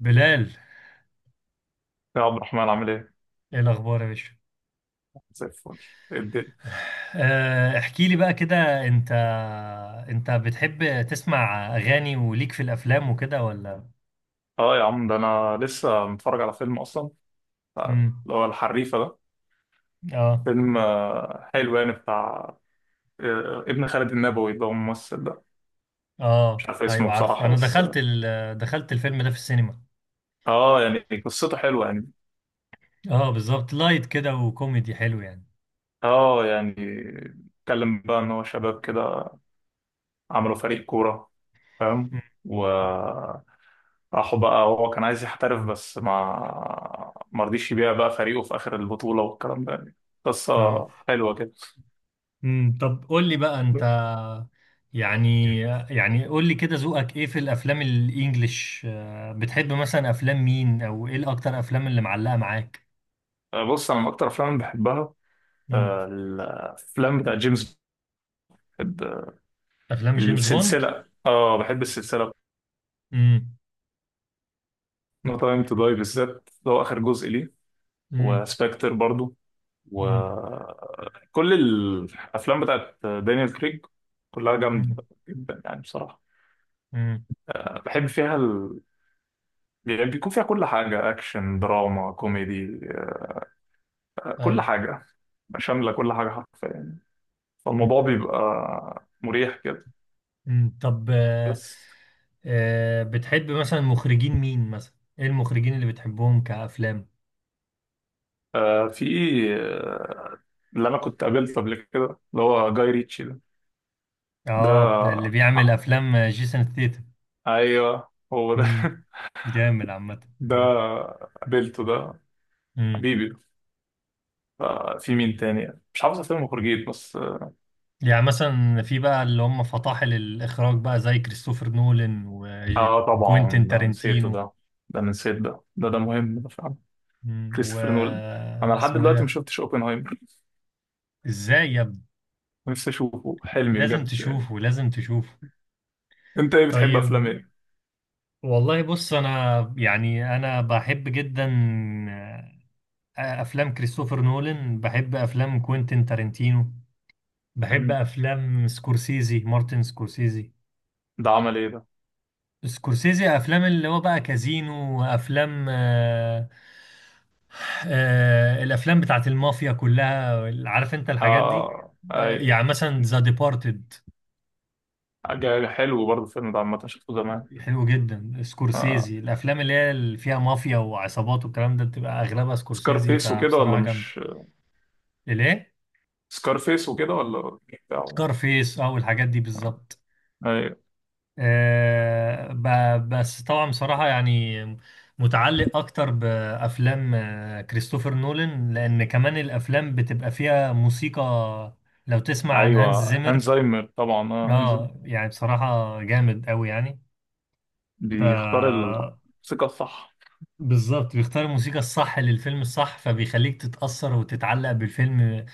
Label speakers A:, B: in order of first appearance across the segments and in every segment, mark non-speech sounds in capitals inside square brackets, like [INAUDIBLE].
A: بلال.
B: يا عبد الرحمن عامل ايه؟
A: ايه الاخبار يا باشا؟
B: زي الفل. ايه الدنيا؟
A: احكي لي بقى كده انت بتحب تسمع اغاني وليك في الافلام وكده ولا؟
B: اه، يا عم ده انا لسه متفرج على فيلم اصلا،
A: امم.
B: اللي هو الحريفه ده.
A: اه.
B: فيلم، حلو يعني، بتاع ابن خالد النبوي، اللي هو الممثل ده. مش
A: اه،
B: عارف اسمه
A: ايوه، عارف.
B: بصراحه
A: انا
B: بس.
A: دخلت دخلت الفيلم ده في السينما.
B: اه يعني، قصته حلوه يعني.
A: اه، بالظبط، لايت كده وكوميدي حلو يعني.
B: اه يعني اتكلم بقى ان هو شباب كده، عملوا فريق كوره، فاهم.
A: مم.
B: وراحوا بقى، هو كان عايز يحترف بس ما مرضيش يبيع بقى فريقه في اخر البطوله والكلام ده يعني. قصه
A: اه.
B: حلوه كده.
A: امم، طب قول لي بقى انت. يعني يعني قول لي كده، ذوقك ايه في الافلام الانجليش؟ بتحب مثلا افلام مين او ايه الاكتر افلام اللي معلقة معاك؟
B: بص انا من اكتر افلام اللي بحبها، الافلام بتاع جيمس. بحب
A: افلام جيمس بوند.
B: السلسله. اه، بحب السلسله.
A: امم.
B: نو تايم تو داي بالذات، ده هو اخر جزء ليه،
A: امم.
B: وسبكتر برضو،
A: امم.
B: وكل الافلام بتاعت دانيال كريج كلها
A: امم.
B: جامده جدا يعني بصراحه.
A: امم.
B: بحب فيها. يعني بيكون فيها كل حاجه، اكشن دراما كوميدي، كل
A: ايوه.
B: حاجه. شامله كل حاجه حرفيا،
A: مم.
B: فالموضوع بيبقى مريح كده.
A: مم. طب
B: بس.
A: بتحب مثلا مخرجين مين مثلا؟ ايه المخرجين اللي بتحبهم كافلام؟
B: في إيه، اللي انا كنت قابلته قبل كده اللي هو جاي ريتشي ده. ده
A: اه، اللي بيعمل
B: آه،
A: افلام جيسون ستيتم.
B: ايوه هو ده.
A: امم.
B: [LAUGHS]
A: جامد عامه.
B: ده
A: آه.
B: قابلته ده،
A: امم.
B: حبيبي. آه، في مين تاني مش عارف اسامي المخرجين بس، اه.
A: يعني مثلا في بقى اللي هم فطاحل الاخراج بقى زي كريستوفر نولان
B: طبعا
A: وكوينتين
B: ده نسيته
A: تارنتينو.
B: ده. ده أنا نسيت ده مهم ده فعلا.
A: امم و
B: كريستوفر نولان. انا لحد
A: اسمه ايه
B: دلوقتي ما
A: ده؟
B: شفتش اوبنهايمر. [LAUGHS]
A: ازاي يا ابني؟
B: نفسي اشوفه، حلمي
A: لازم
B: بجد يعني.
A: تشوفه، لازم تشوفه.
B: انت ايه بتحب افلام
A: طيب.
B: ايه؟
A: والله بص، انا يعني انا بحب جدا افلام كريستوفر نولان، بحب افلام كوينتين تارنتينو، بحب
B: مم.
A: افلام سكورسيزي، مارتن سكورسيزي.
B: ده عمل ايه ده؟
A: سكورسيزي افلام اللي هو بقى كازينو، وافلام آه، الافلام بتاعت المافيا كلها. عارف انت الحاجات دي.
B: اه
A: آه
B: ايوه.
A: يعني مثلا ذا ديبارتد.
B: حاجة حلو برضه الفيلم ده عامة، شفته زمان.
A: حلو جدا
B: آه.
A: سكورسيزي، الافلام اللي فيها مافيا وعصابات والكلام ده بتبقى اغلبها سكورسيزي،
B: سكارفيس وكده ولا
A: فبصراحة جامدة.
B: مش
A: الايه؟
B: سكارفيس وكده، ولا بتاعه.
A: سكارفيس او الحاجات دي بالظبط.
B: ايوه.
A: آه، بس طبعا بصراحة يعني متعلق اكتر بافلام كريستوفر نولان، لان كمان الافلام بتبقى فيها موسيقى. لو تسمع عن هانز
B: ايوه،
A: زيمر.
B: هانزايمر طبعا، اه هانزايمر.
A: اه يعني بصراحة جامد قوي يعني. ف
B: بيختار الموسيقى الصح.
A: بالظبط بيختار الموسيقى الصح للفيلم الصح، فبيخليك تتأثر وتتعلق بالفيلم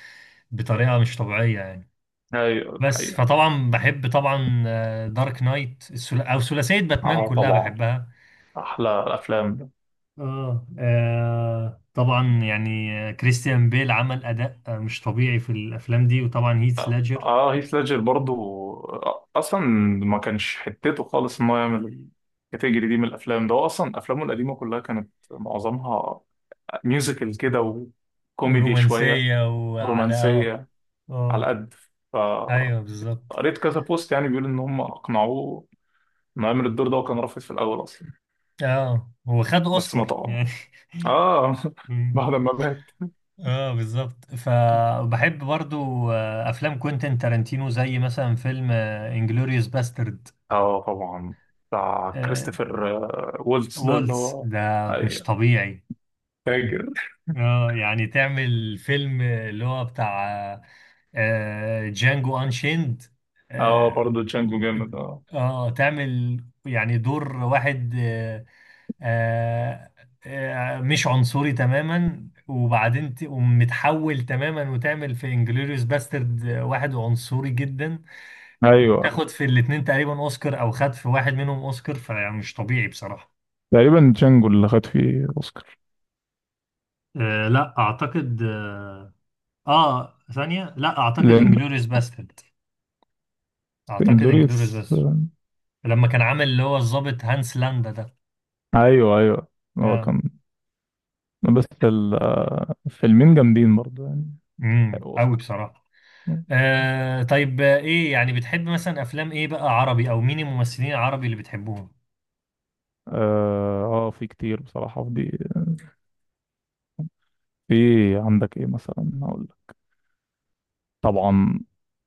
A: بطريقة مش طبيعية يعني.
B: ايوه دي
A: بس
B: حقيقة.
A: فطبعا بحب طبعا دارك نايت او ثلاثيه باتمان
B: اه
A: كلها
B: طبعا،
A: بحبها.
B: احلى الافلام ده.
A: اه، طبعا يعني كريستيان بيل عمل اداء مش طبيعي في الافلام دي، وطبعا هيث ليدجر.
B: اه، هيث ليدجر برضو. اصلا ما كانش حتته خالص ان هو يعمل الكاتيجوري دي من الافلام ده، هو اصلا افلامه القديمه كلها كانت معظمها ميوزيكال كده وكوميدي شويه
A: ورومانسيه وعلى، اه.
B: ورومانسيه، على
A: اه،
B: قد. ف
A: ايوه بالظبط.
B: قريت كذا بوست يعني بيقول ان هم اقنعوه انه يعمل الدور ده، وكان رافض في الاول اصلا.
A: اه، هو خد
B: بس ما
A: اوسكار
B: طبعا،
A: يعني.
B: اه.
A: [LAUGHS]
B: [LAUGHS]
A: مم.
B: بعد ما مات.
A: اه بالظبط. فبحب برضو افلام كوينتين تارانتينو، زي مثلا فيلم انجلوريوس باسترد.
B: اه طبعا، بتاع كريستوفر وولتس ده اللي
A: وولز
B: هو.
A: ده مش
B: ايوه،
A: طبيعي.
B: فاكر.
A: اه يعني تعمل فيلم اللي هو بتاع جانجو انشيند.
B: اه،
A: اه،
B: برضه تشانجو جامد، اه.
A: تعمل يعني دور واحد آه مش عنصري تماما، وبعدين تقوم متحول تماما وتعمل في انجلوريوس باسترد واحد عنصري جدا،
B: ايوه،
A: وتاخد في الاتنين تقريبا اوسكار، او خد في واحد منهم اوسكار. فمش طبيعي بصراحة.
B: تقريبا جانجو اللي خد فيه اوسكار.
A: لا اعتقد. اه، ثانية، لا اعتقد
B: لان
A: انجلوريوس باسترد. اعتقد انجلوريوس
B: انجلوريوس
A: باسترد لما كان عامل اللي هو الضابط هانس لاندا ده.
B: ايوه ايوه، هو
A: آه.
B: كان. بس الفيلمين جامدين برضه يعني،
A: امم،
B: حققوا
A: قوي
B: اوسكار.
A: بصراحة. آه طيب، ايه يعني بتحب مثلا افلام ايه بقى عربي، او مين الممثلين العربي اللي بتحبوهم؟
B: اه، في كتير بصراحة في دي، في. عندك ايه مثلا، هقول لك. طبعا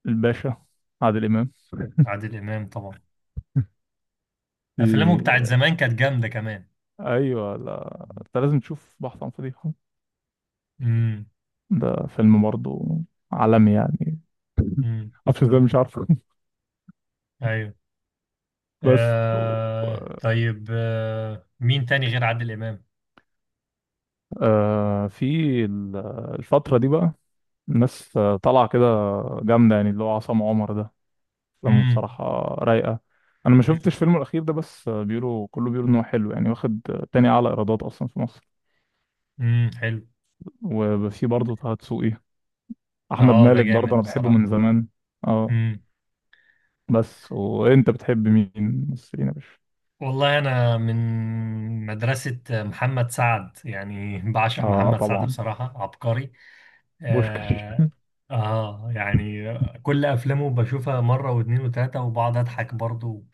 B: الباشا، عادل امام. [LAUGHS]
A: عادل امام طبعا. افلامه
B: في.
A: بتاعت زمان كانت جامدة كمان.
B: ايوه، لا انت لازم تشوف بحث عن فضيحه.
A: امم.
B: ده فيلم برضه عالمي يعني.
A: امم،
B: [LAUGHS] معرفش ازاي، مش عارفه.
A: ايوه.
B: [LAUGHS] بس
A: آه طيب، مين تاني غير عادل امام؟
B: آه، في ال- الفتره دي بقى، الناس طالعه كده جامده يعني، اللي هو عصام عمر ده، افلامه
A: امم.
B: بصراحه رايقه. انا ما شفتش فيلمه الاخير ده، بس بيقولوا، كله بيقولوا ان هو حلو يعني، واخد تاني اعلى ايرادات اصلا في مصر.
A: امم، حلو.
B: وفي برضه طه دسوقي، احمد
A: اه، ده
B: مالك برضه
A: جامد
B: انا بحبه
A: بصراحة.
B: من زمان، اه. بس وانت بتحب مين ممثلين يا باشا؟
A: والله أنا من مدرسة محمد سعد، يعني بعشق
B: اه
A: محمد سعد،
B: طبعا،
A: بصراحة عبقري.
B: بوشكاش.
A: آه, آه يعني كل أفلامه بشوفها مرة واتنين وتلاتة، وبقعد أضحك برضو،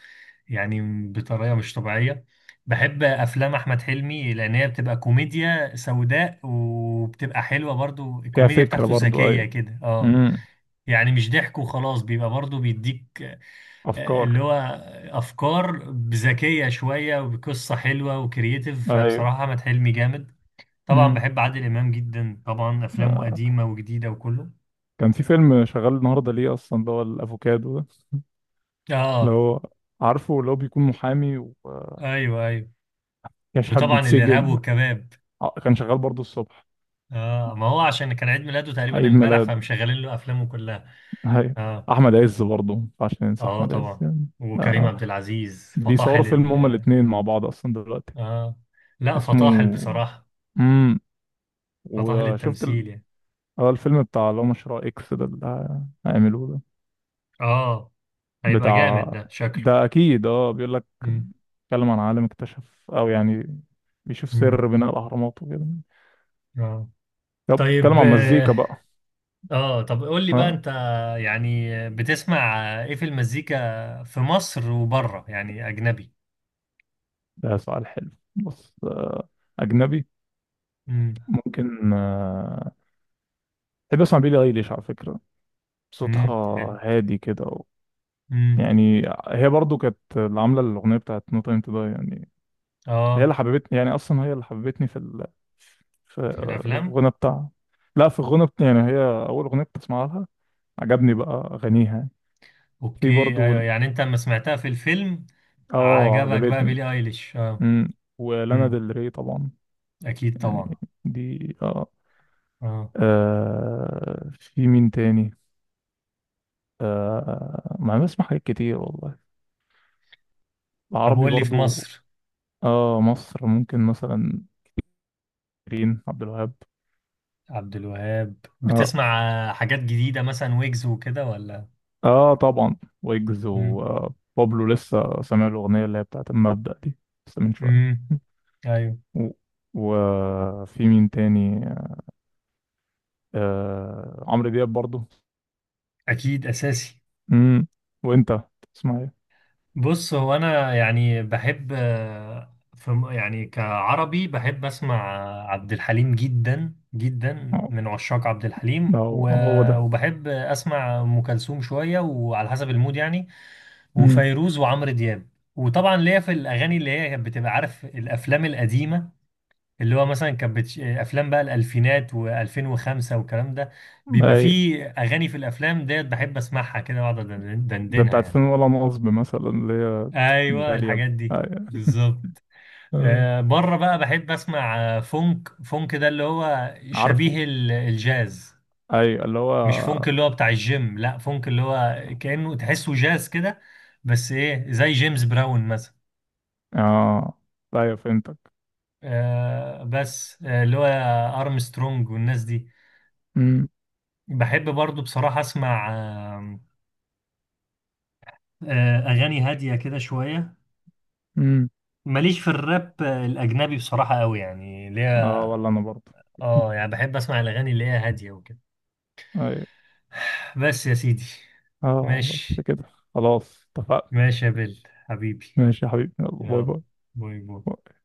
A: يعني بطريقة مش طبيعية. بحب أفلام أحمد حلمي، لأن هي بتبقى كوميديا سوداء وبتبقى حلوة برضو،
B: فيها
A: الكوميديا بتاعته
B: فكره برضه،
A: ذكية
B: ايوه.
A: كده، اه،
B: امم.
A: يعني مش ضحك وخلاص، بيبقى برضو بيديك اللي
B: افكار.
A: هو افكار ذكيه شويه وقصه حلوه وكرييتيف،
B: ايوه.
A: فبصراحه احمد حلمي جامد. طبعا
B: امم.
A: بحب عادل امام جدا، طبعا افلامه
B: آه.
A: قديمه وجديده وكله.
B: كان في فيلم شغال النهارده ليه اصلا، اللي هو الافوكادو ده. اللي
A: اه.
B: هو، عارفه، اللي هو بيكون محامي
A: ايوه، ايوه.
B: ويشحب
A: وطبعا الارهاب
B: بيتسجن ده.
A: والكباب.
B: كان شغال برضه الصبح.
A: اه، ما هو عشان كان عيد ميلاده تقريبا
B: عيد
A: امبارح،
B: ميلاده،
A: فمشغلين له افلامه كلها.
B: ايوه.
A: اه.
B: احمد عز برضه ما ينفعش ننسى
A: اه
B: احمد عز
A: طبعا.
B: يعني.
A: وكريم
B: آه.
A: عبد العزيز،
B: بيصوروا
A: فطاحل
B: فيلم هما الاتنين مع بعض اصلا دلوقتي،
A: اه، لا، فطاحل
B: اسمه.
A: بصراحه،
B: امم.
A: فطاحل
B: وشفت ال...
A: التمثيل يعني.
B: اه الفيلم بتاع اللي هو مشروع اكس ده اللي هيعملوه ده،
A: اه، هيبقى
B: بتاع.
A: جامد ده شكله.
B: ده اكيد، اه بيقول لك،
A: امم.
B: بيتكلم عن عالم اكتشف، او يعني بيشوف
A: امم.
B: سر بناء الاهرامات وكده.
A: اه
B: طب
A: طيب،
B: بيتكلم عن مزيكا
A: اه،
B: بقى.
A: طب قول لي بقى
B: ها.
A: انت، يعني بتسمع ايه في المزيكا في مصر وبره يعني اجنبي؟
B: ده سؤال حلو، بص اجنبي.
A: امم.
B: ممكن بحب اسمع بيلي ايليش على فكرة، صوتها
A: امم، حلو.
B: هادي كده
A: امم.
B: يعني. هي برضو كانت اللي عامله الاغنيه بتاعت نو تايم تو داي يعني. هي
A: اه،
B: اللي حببتني، يعني اصلا هي اللي حببتني في في
A: في الافلام.
B: الغنى بتاعها. لا، في الغنى يعني هي، اول اغنيه كنت اسمعها لها، عجبني بقى اغانيها يعني.
A: اوكي.
B: في برضو
A: ايوه، يعني انت لما سمعتها في الفيلم
B: اه
A: عجبك بقى
B: عجبتني.
A: بيلي ايليش، اه.
B: امم. ولانا
A: امم.
B: ديل ري طبعا،
A: اكيد طبعا.
B: يعني دي اه.
A: اه،
B: آه، في مين تاني. آه، ما أنا بسمع حاجات كتير والله.
A: طب
B: العربي
A: قول لي في
B: برضو.
A: مصر.
B: اه، مصر ممكن مثلا رين عبد الوهاب،
A: عبد الوهاب
B: آه.
A: بتسمع؟ حاجات جديدة مثلا ويجز وكده ولا؟
B: اه طبعا، ويجز
A: امم.
B: وبابلو. لسه سامع الاغنيه اللي هي بتاعت المبدأ دي، لسه من شويه.
A: امم، ايوه.
B: و- وفي مين تاني؟ آه، عمرو دياب برضو.
A: اكيد اساسي.
B: امم. وانت تسمع ايه؟
A: بص، هو انا يعني بحب في يعني كعربي بحب اسمع عبد الحليم جدا
B: آه،
A: جدا، من عشاق عبد الحليم.
B: هو هو ده.
A: وبحب اسمع ام كلثوم شويه، وعلى حسب المود يعني.
B: امم.
A: وفيروز وعمرو دياب. وطبعا ليا في الاغاني اللي هي كانت بتبقى، عارف، الافلام القديمه، اللي هو مثلا كانت افلام بقى الالفينات و2005 والكلام ده، بيبقى
B: اي.
A: فيه اغاني في الافلام ديت بحب اسمعها كده، واقعد
B: ده
A: دندنها
B: بتاعت
A: يعني.
B: فين ولا نصب مثلا، اللي هي
A: ايوه
B: داليا.
A: الحاجات دي
B: أي.
A: بالظبط.
B: آه.
A: بره بقى بحب اسمع فونك، فونك ده اللي هو
B: عارفه،
A: شبيه الجاز.
B: اي اللي هو.
A: مش فونك اللي هو بتاع الجيم، لا، فونك اللي هو كأنه تحسه جاز كده، بس ايه زي جيمس براون مثلا.
B: اه ايوه فهمتك.
A: بس اللي هو ارمسترونج والناس دي.
B: امم.
A: بحب برضو بصراحة اسمع اغاني هادية كده شوية.
B: امم.
A: ماليش في الراب الاجنبي بصراحة قوي يعني ليه.
B: اه ولا انا برضو.
A: اه يعني بحب اسمع الاغاني اللي هي هادية وكده.
B: اي. [LAUGHS]
A: بس يا سيدي.
B: اه بس
A: ماشي.
B: كده. خلاص اتفقنا.
A: ماشي يا بل حبيبي.
B: ماشي يا حبيبي، يلا
A: يلا،
B: باي.
A: باي. باي.
B: باي